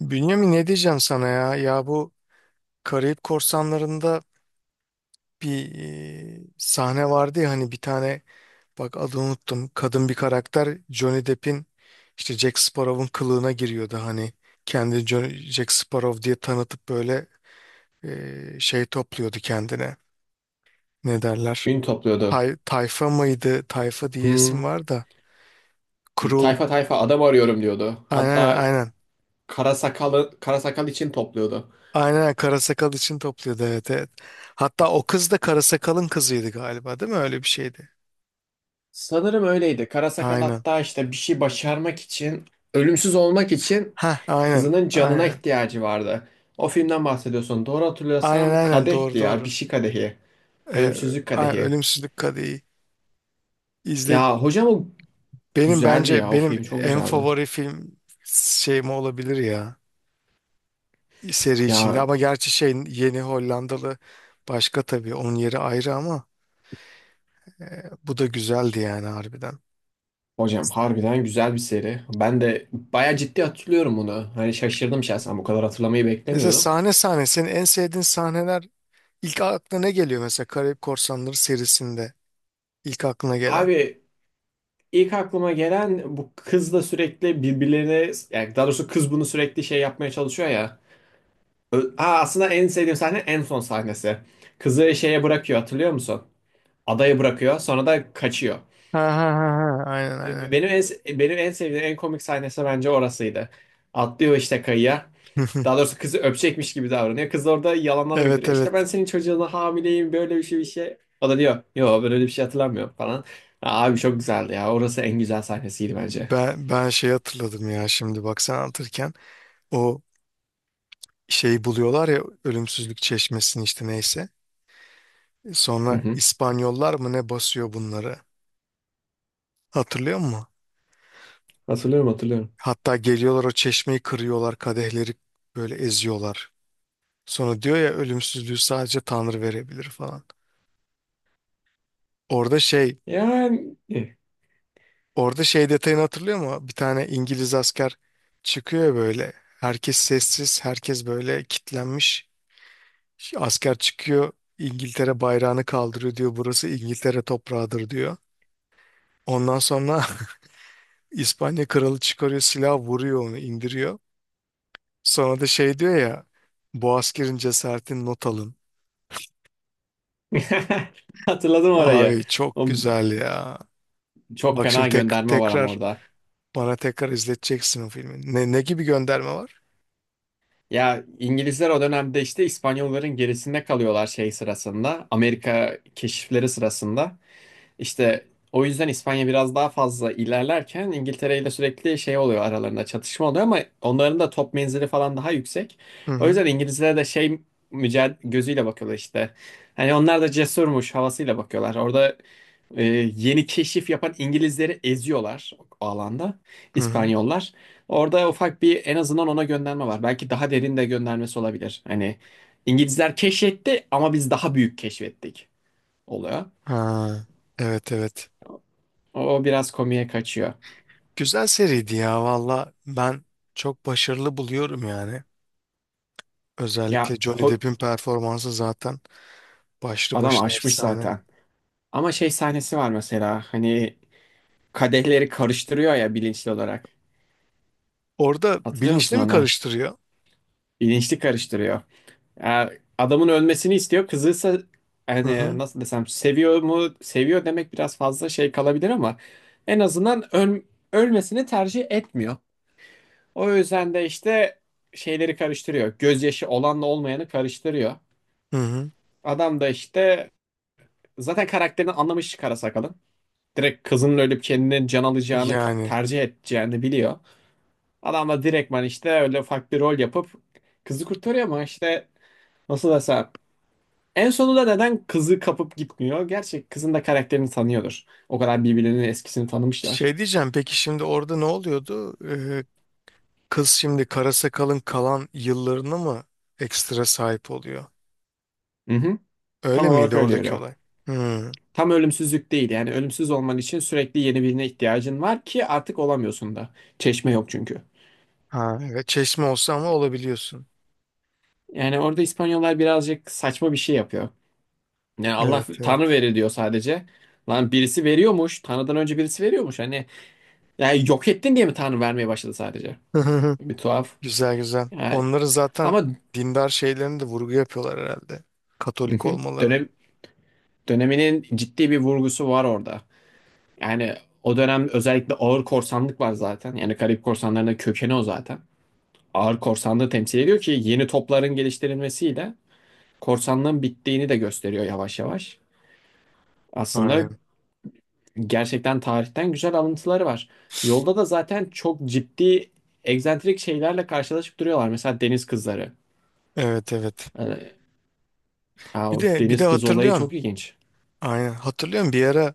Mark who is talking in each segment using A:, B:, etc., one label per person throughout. A: Bünyamin ne diyeceğim sana ya? Ya bu Karayip Korsanları'nda bir sahne vardı ya hani bir tane bak adını unuttum. Kadın bir karakter Johnny Depp'in işte Jack Sparrow'un kılığına giriyordu hani. Kendi Johnny, Jack Sparrow diye tanıtıp böyle şey topluyordu kendine. Ne derler?
B: Ün topluyordu.
A: Tayfa mıydı? Tayfa diye
B: Hmm.
A: isim var da. Krul.
B: Tayfa tayfa adam arıyorum diyordu.
A: Aynen,
B: Hatta
A: aynen.
B: kara sakal için topluyordu.
A: Aynen, Karasakal için topluyordu, evet, evet. Hatta o kız da Karasakal'ın kızıydı galiba, değil mi? Öyle bir şeydi.
B: Sanırım öyleydi. Kara sakal
A: Aynen.
B: hatta işte bir şey başarmak için, ölümsüz olmak için
A: Ha, aynen.
B: kızının canına
A: Aynen.
B: ihtiyacı vardı. O filmden bahsediyorsun. Doğru
A: Aynen,
B: hatırlıyorsam
A: aynen, doğru,
B: kadehti ya. Bir
A: doğru.
B: şey kadehi.
A: Ee,
B: Ölümsüzlük kadehi.
A: Ölümsüzlük Kadehi. İzle,
B: Ya hocam o
A: benim
B: güzeldi
A: bence
B: ya. O
A: benim
B: film çok
A: en
B: güzeldi.
A: favori film şeyim olabilir ya, seri içinde,
B: Ya
A: ama gerçi şey yeni Hollandalı başka tabii, onun yeri ayrı ama e, bu da güzeldi yani, harbiden.
B: hocam harbiden güzel bir seri. Ben de bayağı ciddi hatırlıyorum bunu. Hani şaşırdım şahsen bu kadar hatırlamayı
A: Mesela
B: beklemiyordum.
A: sahne sahne senin en sevdiğin sahneler, ilk aklına ne geliyor mesela Karayip Korsanları serisinde? İlk aklına gelen.
B: Abi ilk aklıma gelen bu kızla sürekli birbirlerine yani daha doğrusu kız bunu sürekli şey yapmaya çalışıyor ya. Aa, aslında en sevdiğim sahne en son sahnesi. Kızı şeye bırakıyor hatırlıyor musun? Adaya bırakıyor sonra da kaçıyor.
A: Ha ha ha ha. Aynen, aynen.
B: Benim en, benim en sevdiğim en komik sahnesi bence orasıydı. Atlıyor işte kayaya. Daha doğrusu kızı öpecekmiş gibi davranıyor. Kız orada yalanlar
A: Evet,
B: uyduruyor. İşte ben
A: evet.
B: senin çocuğuna hamileyim böyle bir şey. O da diyor yo böyle bir şey hatırlamıyorum falan. Abi çok güzeldi ya. Orası en güzel sahnesiydi bence.
A: Ben şey hatırladım ya, şimdi bak sen anlatırken o şeyi buluyorlar ya, ölümsüzlük çeşmesini, işte neyse.
B: Hı
A: Sonra
B: hı.
A: İspanyollar mı ne basıyor bunları? Hatırlıyor musun?
B: Hatırlıyorum hatırlıyorum.
A: Hatta geliyorlar o çeşmeyi kırıyorlar, kadehleri böyle eziyorlar. Sonra diyor ya, ölümsüzlüğü sadece Tanrı verebilir falan. Orada şey,
B: Yani
A: orada şey detayını hatırlıyor mu? Bir tane İngiliz asker çıkıyor böyle. Herkes sessiz, herkes böyle kitlenmiş. Asker çıkıyor, İngiltere bayrağını kaldırıyor, diyor burası İngiltere toprağıdır, diyor. Ondan sonra İspanya kralı çıkarıyor, silah vuruyor onu, indiriyor. Sonra da şey diyor ya, bu askerin cesaretini not alın.
B: hatırladım orayı.
A: Abi çok
B: O
A: güzel ya.
B: çok
A: Bak şimdi,
B: fena
A: tek,
B: gönderme var ama
A: tekrar
B: orada.
A: bana tekrar izleteceksin o filmi. Ne gibi gönderme var?
B: Ya İngilizler o dönemde işte İspanyolların gerisinde kalıyorlar şey sırasında. Amerika keşifleri sırasında. İşte o yüzden İspanya biraz daha fazla ilerlerken İngiltere ile sürekli şey oluyor aralarında çatışma oluyor ama onların da top menzili falan daha yüksek.
A: Hı
B: O
A: hı.
B: yüzden İngilizlere de şey mücadele gözüyle bakıyorlar işte. Hani onlar da cesurmuş havasıyla bakıyorlar. Orada e, yeni keşif yapan İngilizleri eziyorlar o alanda
A: Hı hı.
B: İspanyollar. Orada ufak bir en azından ona gönderme var. Belki daha derin de göndermesi olabilir. Hani İngilizler keşfetti ama biz daha büyük keşfettik oluyor.
A: Ha, evet, evet.
B: O o biraz komiğe kaçıyor.
A: Güzel seriydi ya, valla ben çok başarılı buluyorum yani.
B: Ya
A: Özellikle Johnny Depp'in performansı zaten başlı
B: adam
A: başına
B: aşmış
A: efsane.
B: zaten. Ama şey sahnesi var mesela hani kadehleri karıştırıyor ya bilinçli olarak.
A: Orada
B: Hatırlıyor
A: bilinçli
B: musun
A: mi
B: ona?
A: karıştırıyor?
B: Bilinçli karıştırıyor. Ya adamın ölmesini istiyor. Kızı ise
A: Hı
B: hani
A: hı.
B: nasıl desem seviyor mu? Seviyor demek biraz fazla şey kalabilir ama en azından ölmesini tercih etmiyor. O yüzden de işte şeyleri karıştırıyor. Gözyaşı olanla olmayanı karıştırıyor.
A: Hı hı.
B: Adam da işte zaten karakterini anlamış kara sakalın. Direkt kızının ölüp kendini can alacağını
A: Yani
B: tercih edeceğini biliyor. Adam da direktman işte öyle ufak bir rol yapıp kızı kurtarıyor ama işte nasıl desem en sonunda neden kızı kapıp gitmiyor? Gerçi kızın da karakterini tanıyordur. O kadar birbirlerinin eskisini tanımışlar.
A: şey diyeceğim, peki şimdi orada ne oluyordu? Ee, kız şimdi kara sakalın kalan yıllarını mı ekstra sahip oluyor?
B: Hı hı. Tam
A: Öyle
B: olarak
A: miydi
B: öyle
A: oradaki
B: yürüyor.
A: olay? Hı.
B: Tam ölümsüzlük değil yani ölümsüz olman için sürekli yeni birine ihtiyacın var ki artık olamıyorsun da. Çeşme yok çünkü.
A: Ha, evet, çeşme olsa ama olabiliyorsun.
B: Yani orada İspanyollar birazcık saçma bir şey yapıyor. Yani Allah
A: Evet,
B: Tanrı
A: evet.
B: verir diyor sadece. Lan birisi veriyormuş. Tanrı'dan önce birisi veriyormuş. Hani yani yok ettin diye mi Tanrı vermeye başladı sadece? Bir tuhaf.
A: Güzel, güzel.
B: Yani,
A: Onları zaten
B: ama
A: dindar şeylerini de vurgu yapıyorlar herhalde.
B: hı
A: Katolik
B: hı,
A: olmalarını.
B: döneminin ciddi bir vurgusu var orada. Yani o dönem özellikle ağır korsanlık var zaten. Yani Karayip korsanlarının kökeni o zaten. Ağır korsanlığı temsil ediyor ki yeni topların geliştirilmesiyle korsanlığın bittiğini de gösteriyor yavaş yavaş. Aslında
A: Aynen.
B: gerçekten tarihten güzel alıntıları var. Yolda da zaten çok ciddi egzantrik şeylerle karşılaşıp duruyorlar. Mesela deniz kızları.
A: Evet, evet.
B: Ee, Ya
A: Bir
B: o
A: de bir de
B: deniz kızı olayı
A: hatırlıyorsun.
B: çok ilginç.
A: Aynen. Hatırlıyorum, bir ara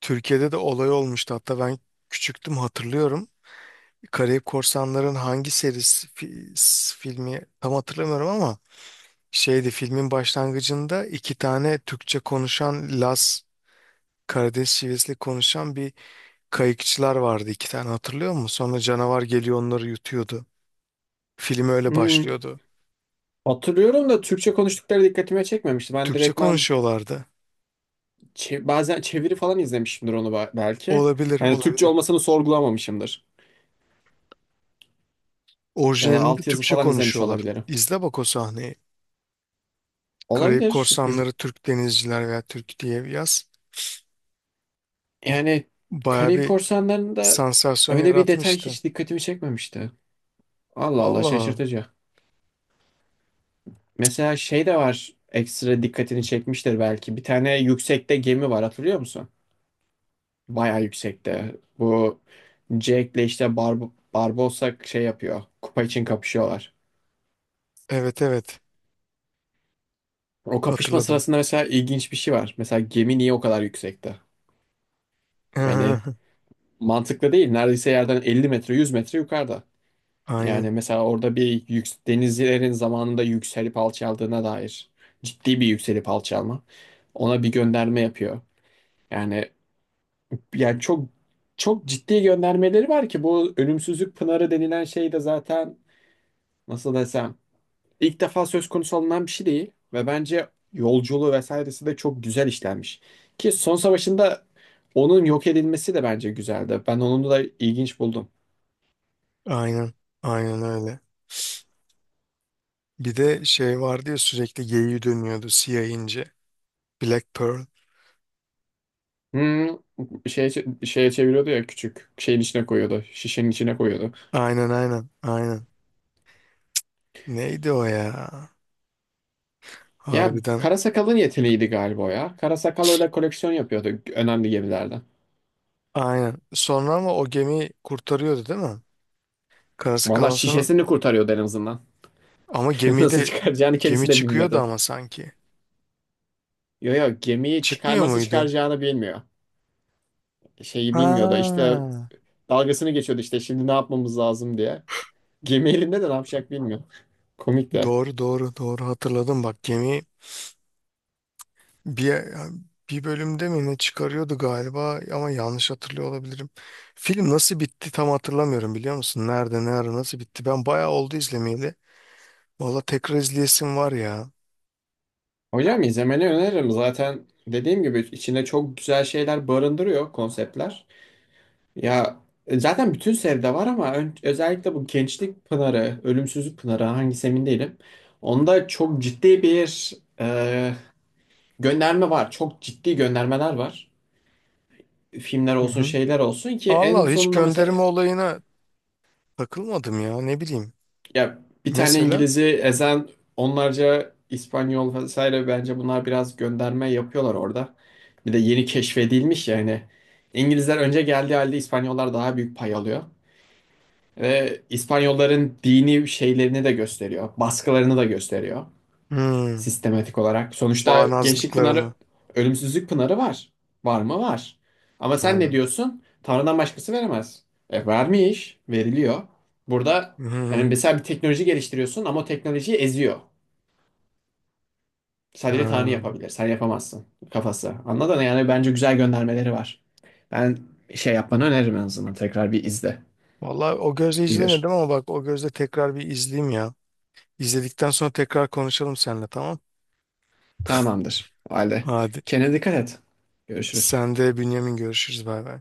A: Türkiye'de de olay olmuştu. Hatta ben küçüktüm, hatırlıyorum. Karayip Korsanların hangi serisi filmi tam hatırlamıyorum ama şeydi, filmin başlangıcında iki tane Türkçe konuşan Laz, Karadeniz şivesiyle konuşan bir kayıkçılar vardı iki tane, hatırlıyor musun? Sonra canavar geliyor onları yutuyordu. Film öyle
B: Hmm,
A: başlıyordu.
B: Hatırlıyorum da Türkçe konuştukları dikkatime çekmemişti. Ben
A: Türkçe
B: direktmen
A: konuşuyorlardı.
B: bazen çeviri falan izlemişimdir onu belki.
A: Olabilir,
B: Yani Türkçe
A: olabilir.
B: olmasını sorgulamamışımdır. Ya da
A: Orijinalinde
B: altyazı
A: Türkçe
B: falan izlemiş
A: konuşuyorlar.
B: olabilirim.
A: İzle bak o sahneyi. Karayip
B: Olabilir.
A: Korsanları Türk Denizciler veya Türk diye bir yaz.
B: Yani
A: Baya
B: Karayip
A: bir
B: Korsanları'nda
A: sansasyon
B: öyle bir detay
A: yaratmıştı.
B: hiç dikkatimi çekmemişti. Allah Allah
A: Vallahi
B: şaşırtıcı. Mesela şey de var ekstra dikkatini çekmiştir belki. Bir tane yüksekte gemi var hatırlıyor musun? Bayağı yüksekte. Bu Jack'le işte Barbossa şey yapıyor. Kupa için kapışıyorlar.
A: evet, evet,
B: O kapışma
A: hatırladım.
B: sırasında mesela ilginç bir şey var. Mesela gemi niye o kadar yüksekte? Yani mantıklı değil. Neredeyse yerden 50 metre 100 metre yukarıda. Yani
A: Aynen,
B: mesela orada bir yük denizcilerin zamanında yükselip alçaldığına dair ciddi bir yükselip alçalma. Ona bir gönderme yapıyor. Yani yani çok çok ciddi göndermeleri var ki bu ölümsüzlük pınarı denilen şey de zaten nasıl desem ilk defa söz konusu alınan bir şey değil ve bence yolculuğu vesairesi de çok güzel işlenmiş. Ki son savaşında onun yok edilmesi de bence güzeldi. Ben onu da ilginç buldum.
A: aynen, aynen, öyle. Bir de şey vardı ya, sürekli geyiği dönüyordu, siyah ince. Black Pearl.
B: Hmm, şey Şeye çeviriyordu ya küçük şeyin içine koyuyordu. Şişenin içine koyuyordu.
A: Aynen, aynen, aynen. Neydi o ya?
B: Ya
A: Harbiden
B: Karasakal'ın yeteneğiydi galiba o ya. Karasakal öyle koleksiyon yapıyordu önemli gemilerden.
A: aynen. Sonra ama o gemi kurtarıyordu değil mi? Karası
B: Valla
A: kalan sonra.
B: şişesini kurtarıyordu en azından.
A: Ama
B: Nasıl
A: gemide
B: çıkaracağını
A: gemi
B: kendisi de
A: çıkıyordu
B: bilmiyordu.
A: ama sanki.
B: Yo yo gemiyi çıkar
A: Çıkmıyor
B: nasıl
A: muydu?
B: çıkaracağını bilmiyor. Şeyi bilmiyordu. İşte
A: Ha.
B: dalgasını geçiyordu işte şimdi ne yapmamız lazım diye. Gemi elinde de ne yapacak bilmiyor. Komik de.
A: Doğru, doğru, doğru, hatırladım bak, gemi bir bir bölümde mi ne çıkarıyordu galiba, ama yanlış hatırlıyor olabilirim. Film nasıl bitti tam hatırlamıyorum, biliyor musun? Nerede, ne ara, nasıl bitti? Ben bayağı oldu izlemeyeli. Valla tekrar izleyesim var ya.
B: Hocam izlemeni öneririm. Zaten dediğim gibi içinde çok güzel şeyler barındırıyor konseptler. Ya zaten bütün seride var ama özellikle bu Gençlik Pınarı, Ölümsüzlük Pınarı hangisi emin değilim. Onda çok ciddi bir e, gönderme var. Çok ciddi göndermeler var. Filmler
A: Hı
B: olsun
A: hı.
B: şeyler olsun ki en
A: Allah, hiç
B: sonunda mesela
A: gönderme olayına takılmadım ya, ne bileyim.
B: ya bir tane
A: Mesela,
B: İngiliz'i ezen onlarca İspanyol vesaire bence bunlar biraz gönderme yapıyorlar orada. Bir de yeni keşfedilmiş yani. İngilizler önce geldiği halde İspanyollar daha büyük pay alıyor. Ve İspanyolların dini şeylerini de gösteriyor. Baskılarını da gösteriyor.
A: hmm,
B: Sistematik olarak. Sonuçta Gençlik Pınarı,
A: bağnazlıklarını.
B: Ölümsüzlük Pınarı var. Var mı? Var. Ama sen ne
A: Aynen.
B: diyorsun? Tanrı'dan başkası veremez. E, vermiş, veriliyor. Burada
A: Hı
B: yani
A: hı.
B: mesela bir teknoloji geliştiriyorsun ama o teknolojiyi eziyor. Sadece Tanrı
A: Ha.
B: yapabilir. Sen yapamazsın kafası. Anladın mı? Yani bence güzel göndermeleri var. Ben şey yapmanı öneririm en azından. Tekrar bir izle.
A: Vallahi o gözle izlemedim,
B: İyidir.
A: ama bak o gözle tekrar bir izleyeyim ya. İzledikten sonra tekrar konuşalım seninle, tamam.
B: Tamamdır. O halde.
A: Hadi.
B: Kendine dikkat et. Görüşürüz.
A: Sen de Bünyamin, görüşürüz, bay bay.